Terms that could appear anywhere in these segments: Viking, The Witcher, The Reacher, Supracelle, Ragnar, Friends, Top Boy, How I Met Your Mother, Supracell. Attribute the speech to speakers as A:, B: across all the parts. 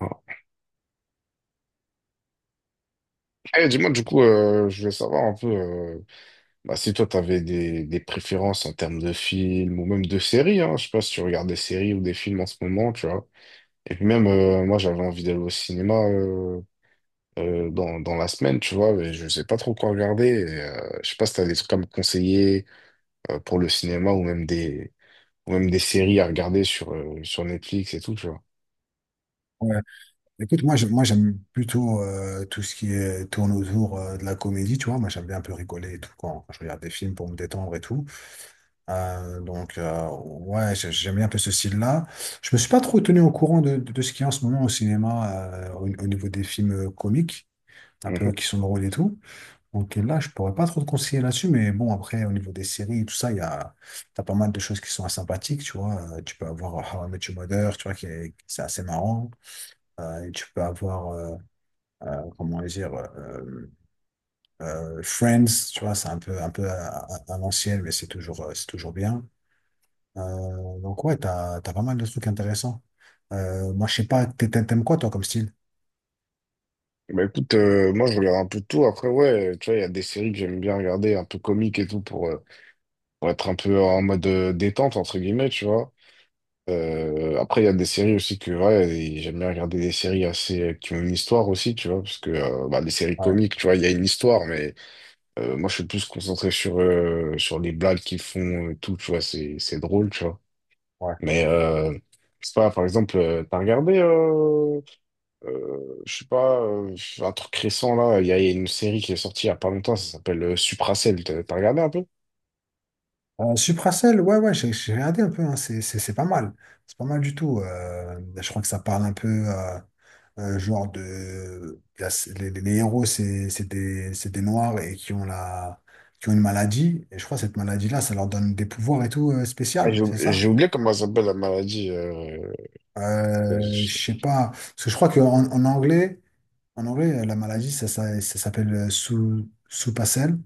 A: Ah. Eh, dis-moi, du coup, je voulais savoir un peu bah, si toi, tu avais des préférences en termes de films ou même de séries. Hein. Je sais pas si tu regardes des séries ou des films en ce moment, tu vois. Et puis même, moi, j'avais envie d'aller au cinéma dans la semaine, tu vois, mais je sais pas trop quoi regarder. Et, je sais pas si tu as des trucs à me conseiller pour le cinéma ou même ou même des séries à regarder sur, sur Netflix et tout, tu vois.
B: Ouais. Écoute, moi, moi j'aime plutôt tout ce qui est, tourne autour de la comédie, tu vois. Moi, j'aime bien un peu rigoler et tout quand je regarde des films pour me détendre et tout. Donc, ouais, j'aime bien un peu ce style-là. Je me suis pas trop tenu au courant de ce qu'il y a en ce moment au cinéma, au niveau des films comiques, un peu
A: Mhm.
B: qui sont drôles et tout. Donc là, je pourrais pas trop te conseiller là-dessus, mais bon, après, au niveau des séries et tout ça, t'as pas mal de choses qui sont sympathiques, tu vois. Tu peux avoir How I Met Your Mother, tu vois, c'est assez marrant. Et tu peux avoir, comment dire, Friends, tu vois, c'est un peu à l'ancienne, mais c'est toujours bien. Donc ouais, t'as pas mal de trucs intéressants. Moi, je sais pas, t'aimes quoi, toi, comme style?
A: Bah écoute, moi je regarde un peu de tout. Après, ouais, tu vois, il y a des séries que j'aime bien regarder, un peu comiques et tout, pour être un peu en mode détente, entre guillemets, tu vois. Après, il y a des séries aussi que, ouais, et j'aime bien regarder des séries assez, qui ont une histoire aussi, tu vois, parce que bah, des séries
B: Ouais,
A: comiques, tu vois, il y a une histoire, mais. Moi, je suis plus concentré sur, sur les blagues qu'ils font et tout, tu vois, c'est drôle, tu vois.
B: ouais.
A: Mais, euh, je sais pas, par exemple, t'as regardé, je sais pas, un truc récent, là, il y a une série qui est sortie il y a pas longtemps, ça s'appelle Supracelle, t'as regardé un peu?
B: Supracelle, ouais, ouais, j'ai regardé un peu, hein, c'est pas mal. C'est pas mal du tout. Je crois que ça parle un peu, un genre de. Les héros, c'est des noirs et qui ont une maladie. Et je crois que cette maladie-là, ça leur donne des pouvoirs et tout, spécial, c'est
A: J'ai
B: ça?
A: oublié comment ça s'appelle la maladie. Euh, je-
B: Je sais pas. Parce que je crois qu'en anglais. En anglais, la maladie, ça s'appelle, soupacelle.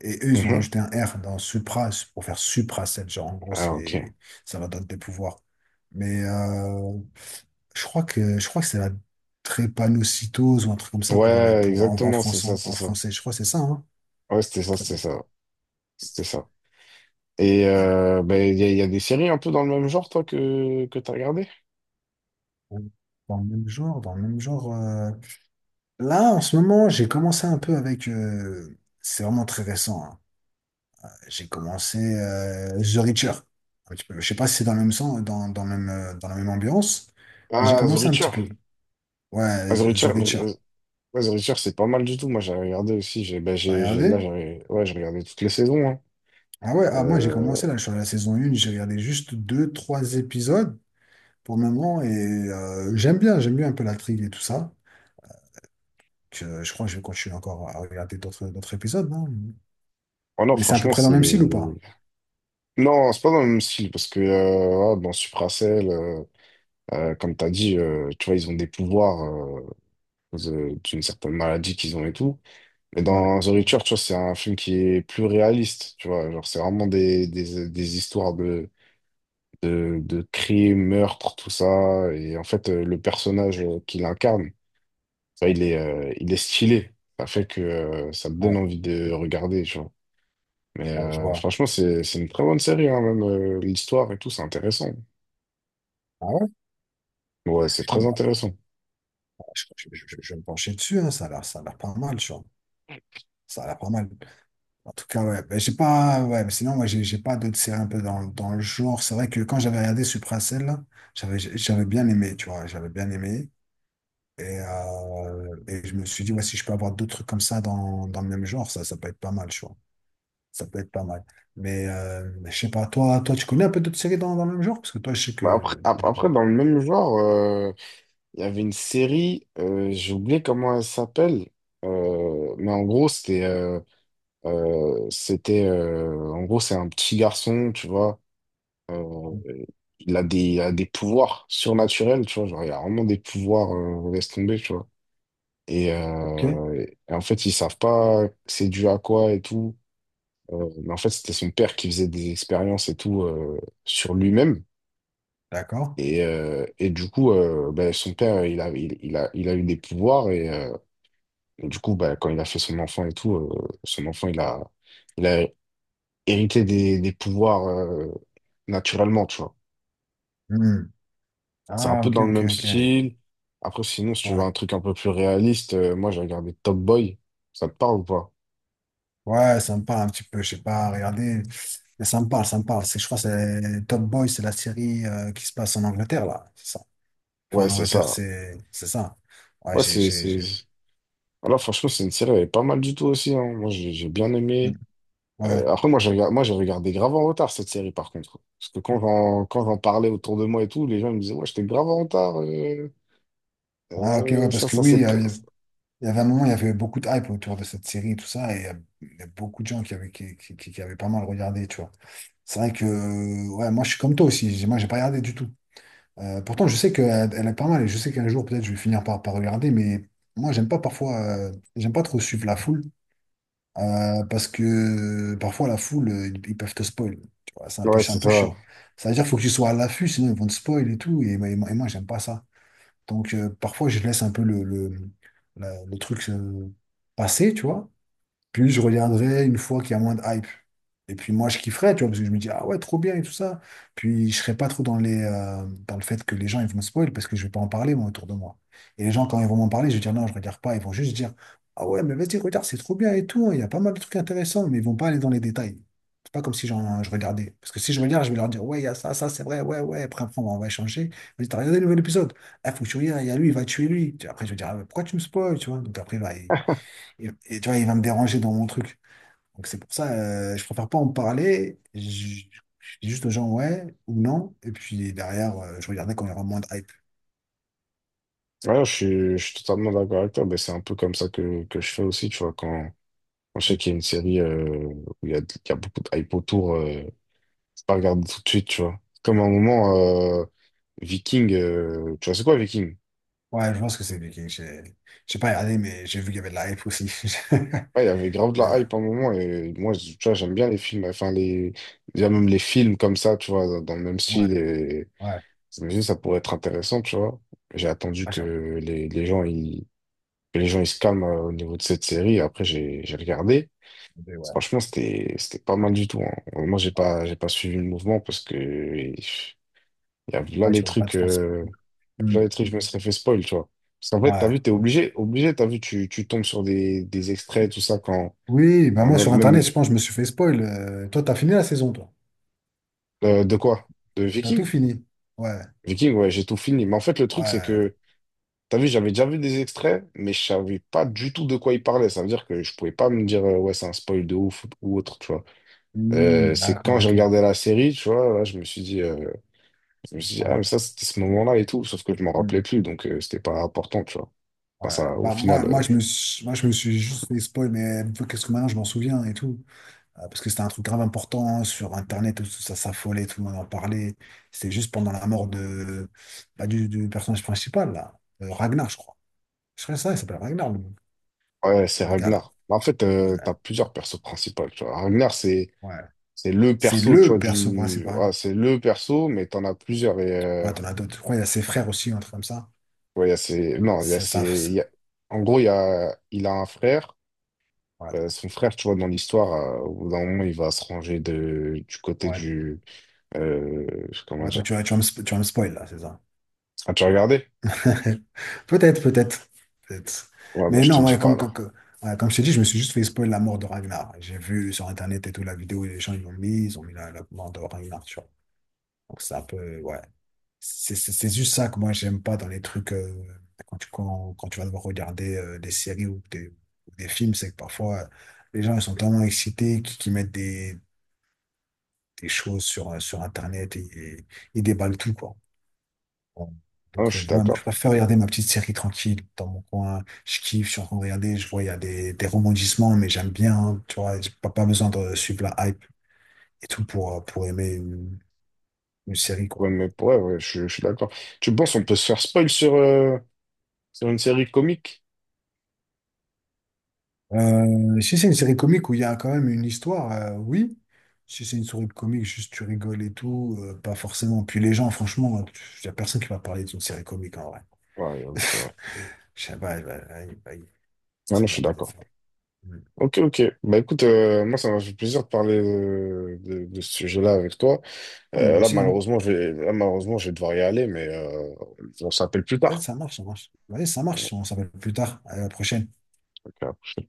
B: Et eux, ils ont
A: Mhm.
B: rajouté un R dans supra pour faire supracelle. Genre, en gros,
A: Ah, ok.
B: ça leur donne des pouvoirs. Mais je crois que c'est la trépanocytose ou un truc comme ça pour le,
A: Ouais,
B: en
A: exactement, c'est
B: français.
A: ça, c'est
B: En
A: ça.
B: français, je crois que c'est ça. Hein.
A: Ouais, c'était ça,
B: Très-
A: c'était ça. C'était ça. Et ben, il y a il y a des séries un peu dans le même genre, toi, que t'as regardé?
B: Dans le même genre, dans le même genre. Là, en ce moment, j'ai commencé un peu avec. C'est vraiment très récent. Hein. J'ai commencé, The Reacher. Un petit peu. Je sais pas si c'est dans le même sens, dans la même ambiance, mais j'ai
A: Ah, The
B: commencé un petit
A: Witcher.
B: peu. Ouais,
A: Ah, The
B: The
A: Witcher,
B: Reacher.
A: ouais, The Witcher, c'est pas mal du tout. Moi, j'ai regardé aussi. J'ai, ben,
B: T'as
A: j'ai- là,
B: regardé?
A: j'ai ouais, j'ai regardé toutes les saisons. Hein.
B: Ah ouais, ah, moi j'ai
A: Euh,
B: commencé là, je suis à la saison 1, j'ai regardé juste deux trois épisodes pour le moment et, j'aime bien un peu l'intrigue et tout ça. Donc, je crois que je vais continuer encore à regarder d'autres épisodes, non?
A: oh non,
B: Mais c'est à peu
A: franchement,
B: près dans le même style ou pas?
A: c'est. Non, c'est pas dans le même style parce que dans Supracell, comme t'as dit, tu vois, ils ont des pouvoirs d'une certaine maladie qu'ils ont et tout. Mais
B: Ouais,
A: dans The Witcher, tu vois, c'est un film qui est plus réaliste. Tu vois, genre, c'est vraiment des histoires de de crimes, meurtres, tout ça. Et en fait, le personnage qu'il incarne, ça,
B: ouais,
A: il est stylé. Ça fait que ça me donne
B: ouais,
A: envie de regarder, tu vois. Mais
B: ouais, je vois.
A: franchement, c'est une très bonne série, hein, même l'histoire et tout, c'est intéressant.
B: Ah ouais?
A: Ouais, c'est
B: Bon,
A: très
B: bah,
A: intéressant.
B: je vais me pencher dessus, hein, ça a l'air pas mal, tu vois. Ça a l'air pas mal. En tout cas, ouais. Ben, j'ai pas, ouais, mais sinon, moi, j'ai pas d'autres séries un peu dans, dans. Et je me suis dit, ouais, si je peux avoir d'autres trucs comme ça dans le même genre, ça peut être pas mal, tu vois. Ça peut être pas mal. Mais, je sais pas, toi, toi, tu connais un peu d'autres séries dans le même genre? Parce que toi, je sais
A: Mais après,
B: que t'aimes
A: après,
B: bien.
A: dans le même genre, il y avait une série, j'ai oublié comment elle s'appelle, mais en gros, c'était, en gros, c'est un petit garçon, tu vois. Euh, il a des pouvoirs surnaturels, tu vois. Genre, il a vraiment des pouvoirs, laisse tomber, tu vois.
B: Ok,
A: Et en fait, ils savent pas c'est dû à quoi et tout. Mais en fait, c'était son père qui faisait des expériences et tout sur lui-même.
B: d'accord.
A: Et du coup, ben, son père, il a eu des pouvoirs. Et du coup, ben, quand il a fait son enfant et tout, son enfant, il a hérité des pouvoirs naturellement, tu vois.
B: Hmm.
A: C'est un
B: Ah,
A: peu
B: ok,
A: dans le
B: ok,
A: même
B: ok.
A: style. Après, sinon, si tu veux
B: Ouais.
A: un truc un peu plus réaliste, moi, j'ai regardé Top Boy. Ça te parle ou pas?
B: Ouais, ça me parle un petit peu, je sais pas, regardez. Mais ça me parle, ça me parle. Je crois que c'est Top Boy, c'est la série, qui se passe en Angleterre, là. C'est ça.
A: Ouais,
B: Enfin, en
A: c'est
B: Angleterre,
A: ça.
B: c'est ça. Ouais,
A: Ouais,
B: j'ai. j'ai-
A: c'est...
B: j'ai-
A: Voilà, franchement, c'est une série, elle est pas mal du tout aussi. Hein. Moi, j'ai bien
B: Hmm.
A: aimé.
B: Ouais.
A: Après, moi, j'ai regardé grave en retard cette série, par contre. Parce que quand j'en parlais autour de moi et tout, les gens ils me disaient, ouais, j'étais grave en retard.
B: Ah, ok, ouais, parce
A: Ça,
B: que
A: ça, c'est...
B: oui, il y avait un moment, il y avait beaucoup de hype autour de cette série et tout ça, et il y a beaucoup de gens qui avaient pas mal regardé, tu vois. C'est vrai que, ouais, moi, je suis comme toi aussi, moi, j'ai pas regardé du tout. Pourtant, je sais qu'elle elle est pas mal, et je sais qu'un jour, peut-être, je vais finir par, regarder, mais moi, j'aime pas trop suivre la foule, parce que parfois, la foule, ils peuvent te spoil, tu vois, c'est un peu,
A: ouais,
B: c'est un
A: c'est
B: peu
A: ça.
B: chiant. Ça veut dire qu'il faut que tu sois à l'affût, sinon ils vont te spoil et tout, et moi, j'aime pas ça. Donc, parfois, je laisse un peu le truc, passer, tu vois. Puis je regarderai une fois qu'il y a moins de hype. Et puis moi, je kifferais, tu vois, parce que je me dis, ah ouais, trop bien et tout ça. Puis je serais pas trop dans le fait que les gens, ils vont me spoil parce que je vais pas en parler, moi, autour de moi. Et les gens, quand ils vont m'en parler, je vais dire, non, je regarde pas. Ils vont juste dire, ah ouais, mais vas-y, regarde, c'est trop bien et tout. Hein. Il y a pas mal de trucs intéressants, mais ils vont pas aller dans les détails. C'est pas comme si je regardais. Parce que si je regarde, je vais leur dire, ouais, il y a ça, ça, c'est vrai, ouais, ouais. Après, on va échanger. Je vais dire, t'as regardé le nouvel épisode? Ah, faut que tu regardes, il y a lui, il va tuer lui. Après, je vais dire, ah, mais pourquoi tu me spoil, tu vois? Donc après, bah, et tu vois, il va me déranger dans mon truc. Donc c'est pour ça, je préfère pas en parler. Je dis juste aux gens ouais ou non. Et puis derrière, je regardais quand il y aura moins de hype.
A: Ouais, je suis totalement d'accord avec toi. Ben c'est un peu comme ça que je fais aussi, tu vois, quand je sais
B: Mm.
A: qu'il y a une série où il y a beaucoup de hype autour, je pas regarder tout de suite, tu vois. Comme à un moment, Viking, tu vois, c'est quoi Viking?
B: Ouais, je pense que c'est compliqué. J'ai pas regardé, mais j'ai vu qu'il y avait de la hype aussi.
A: Ouais, il y avait grave de
B: Mais
A: la
B: ouais,
A: hype à un moment et moi, tu vois, j'aime bien les films, enfin, les... il y a même les films comme ça, tu vois, dans le même
B: ouais,
A: style et
B: ouais.
A: je me suis dit, ça pourrait être intéressant, tu vois. J'ai attendu
B: Ah,
A: que
B: j'avoue.
A: les gens, ils... que les gens, ils se calment au niveau de cette série et après, j'ai regardé.
B: Mais ouais.
A: Franchement, c'était pas mal du tout, hein. Moi,
B: Ouais,
A: j'ai pas suivi le mouvement parce que il y a
B: ouais, je voulais pas te faire ça. Mm.
A: là des trucs, je me serais fait spoil, tu vois. Parce qu'en fait, t'as
B: Ouais.
A: vu, obligé, t'as vu, tu tombes sur des extraits, tout ça,
B: Oui, bah
A: quand
B: moi
A: même,
B: sur
A: même
B: Internet, je pense que je me suis fait spoil. Toi, t'as fini la saison, toi.
A: euh, de quoi? De
B: T'as tout
A: Viking?
B: fini. Ouais,
A: Viking, ouais, j'ai tout fini. Mais en fait, le truc, c'est
B: ouais.
A: que, t'as vu, j'avais déjà vu des extraits, mais je savais pas du tout de quoi il parlait. Ça veut dire que je pouvais pas me dire, ouais, c'est un spoil de ouf ou autre, tu vois.
B: Mm,
A: C'est quand
B: d'accord,
A: j'ai
B: ok.
A: regardé la série, tu vois, là, je me suis dit, je me suis dit, ah, mais
B: Ouais.
A: ça, c'était ce moment-là et tout, sauf que je m'en rappelais
B: Mm.
A: plus, donc c'était pas important, tu vois. Enfin,
B: Ouais.
A: ça, au
B: Bah, moi,
A: final,
B: moi, je me suis juste fait spoil, mais qu'est-ce que maintenant je m'en souviens et tout. Parce que c'était un truc grave important, hein, sur Internet, tout ça s'affolait, tout le monde en parlait. C'était juste pendant la mort de, bah, du personnage principal, là. Ragnar, je crois. Je crois que c'est ça, il s'appelle Ragnar, le,
A: ouais, c'est
B: le gars, là.
A: Ragnar. En fait,
B: Ouais,
A: t'as plusieurs persos principaux, tu vois. Ragnar, c'est,
B: ouais.
A: C'est le
B: C'est
A: perso, tu vois,
B: le perso
A: du...
B: principal.
A: ouais, c'est le perso, mais t'en as plusieurs. Et,
B: Ouais, t'en as d'autres. Je crois qu'il y a ses frères aussi, un truc comme ça.
A: ouais, il y a ses... Non, il y a
B: Ça,
A: ses...
B: ça,
A: il
B: ça-
A: y a- en gros, il y a... il a un frère.
B: Ouais.
A: Son frère, tu vois, dans l'histoire, au bout d'un moment, il va se ranger de... du côté
B: Ouais.
A: du... euh, comment
B: Ouais, donc
A: dire?
B: tu vas me spoil, là, c'est ça.
A: Ah, tu as regardé?
B: Peut-être, peut-être, peut-être.
A: Ouais, bah,
B: Mais
A: je te
B: non,
A: dis
B: ouais,
A: pas
B: comme, comme,
A: alors.
B: comme, ouais, comme je t'ai dit, je me suis juste fait spoil la mort de Ragnar. J'ai vu sur Internet et tout la vidéo et les gens, ils ont mis la mort de Ragnar, tu vois. Donc c'est un peu, ouais. C'est juste ça que moi j'aime pas dans les trucs, quand tu, quand tu vas devoir regarder, des séries ou ou des films, c'est que parfois, les gens ils sont tellement excités qu'ils mettent des choses sur Internet et ils déballent tout, quoi. Bon.
A: Ah, je
B: Donc,
A: suis
B: ouais, moi,
A: d'accord.
B: je préfère regarder ma petite série tranquille dans mon coin. Je kiffe, je suis en train de regarder, je vois, il y a des rebondissements, mais j'aime bien, hein, tu vois, j'ai pas, pas besoin de suivre la hype et tout pour aimer une série, quoi.
A: Ouais, mais ouais, ouais, je suis d'accord. Tu penses on peut se faire spoil sur, sur une série comique?
B: Si c'est une série comique où il y a quand même une histoire, oui. Si c'est une série comique, juste tu rigoles et tout, pas forcément. Puis les gens, franchement, il y a personne qui va parler d'une série comique en vrai.
A: Ouais, j'avoue, c'est vrai.
B: Je sais pas,
A: Ah, non,
B: personne
A: je
B: ne
A: suis
B: va parler de
A: d'accord.
B: ça. Mm.
A: Ok, ok. Bah écoute, moi ça m'a fait plaisir de parler de ce sujet-là avec toi.
B: Ah, moi aussi, hein.
A: Là malheureusement, je vais devoir y aller, mais on s'appelle plus
B: Vas,
A: tard.
B: ça marche, ça marche. Vas-y, ça marche. On s'appelle plus tard. À la prochaine.
A: Ok.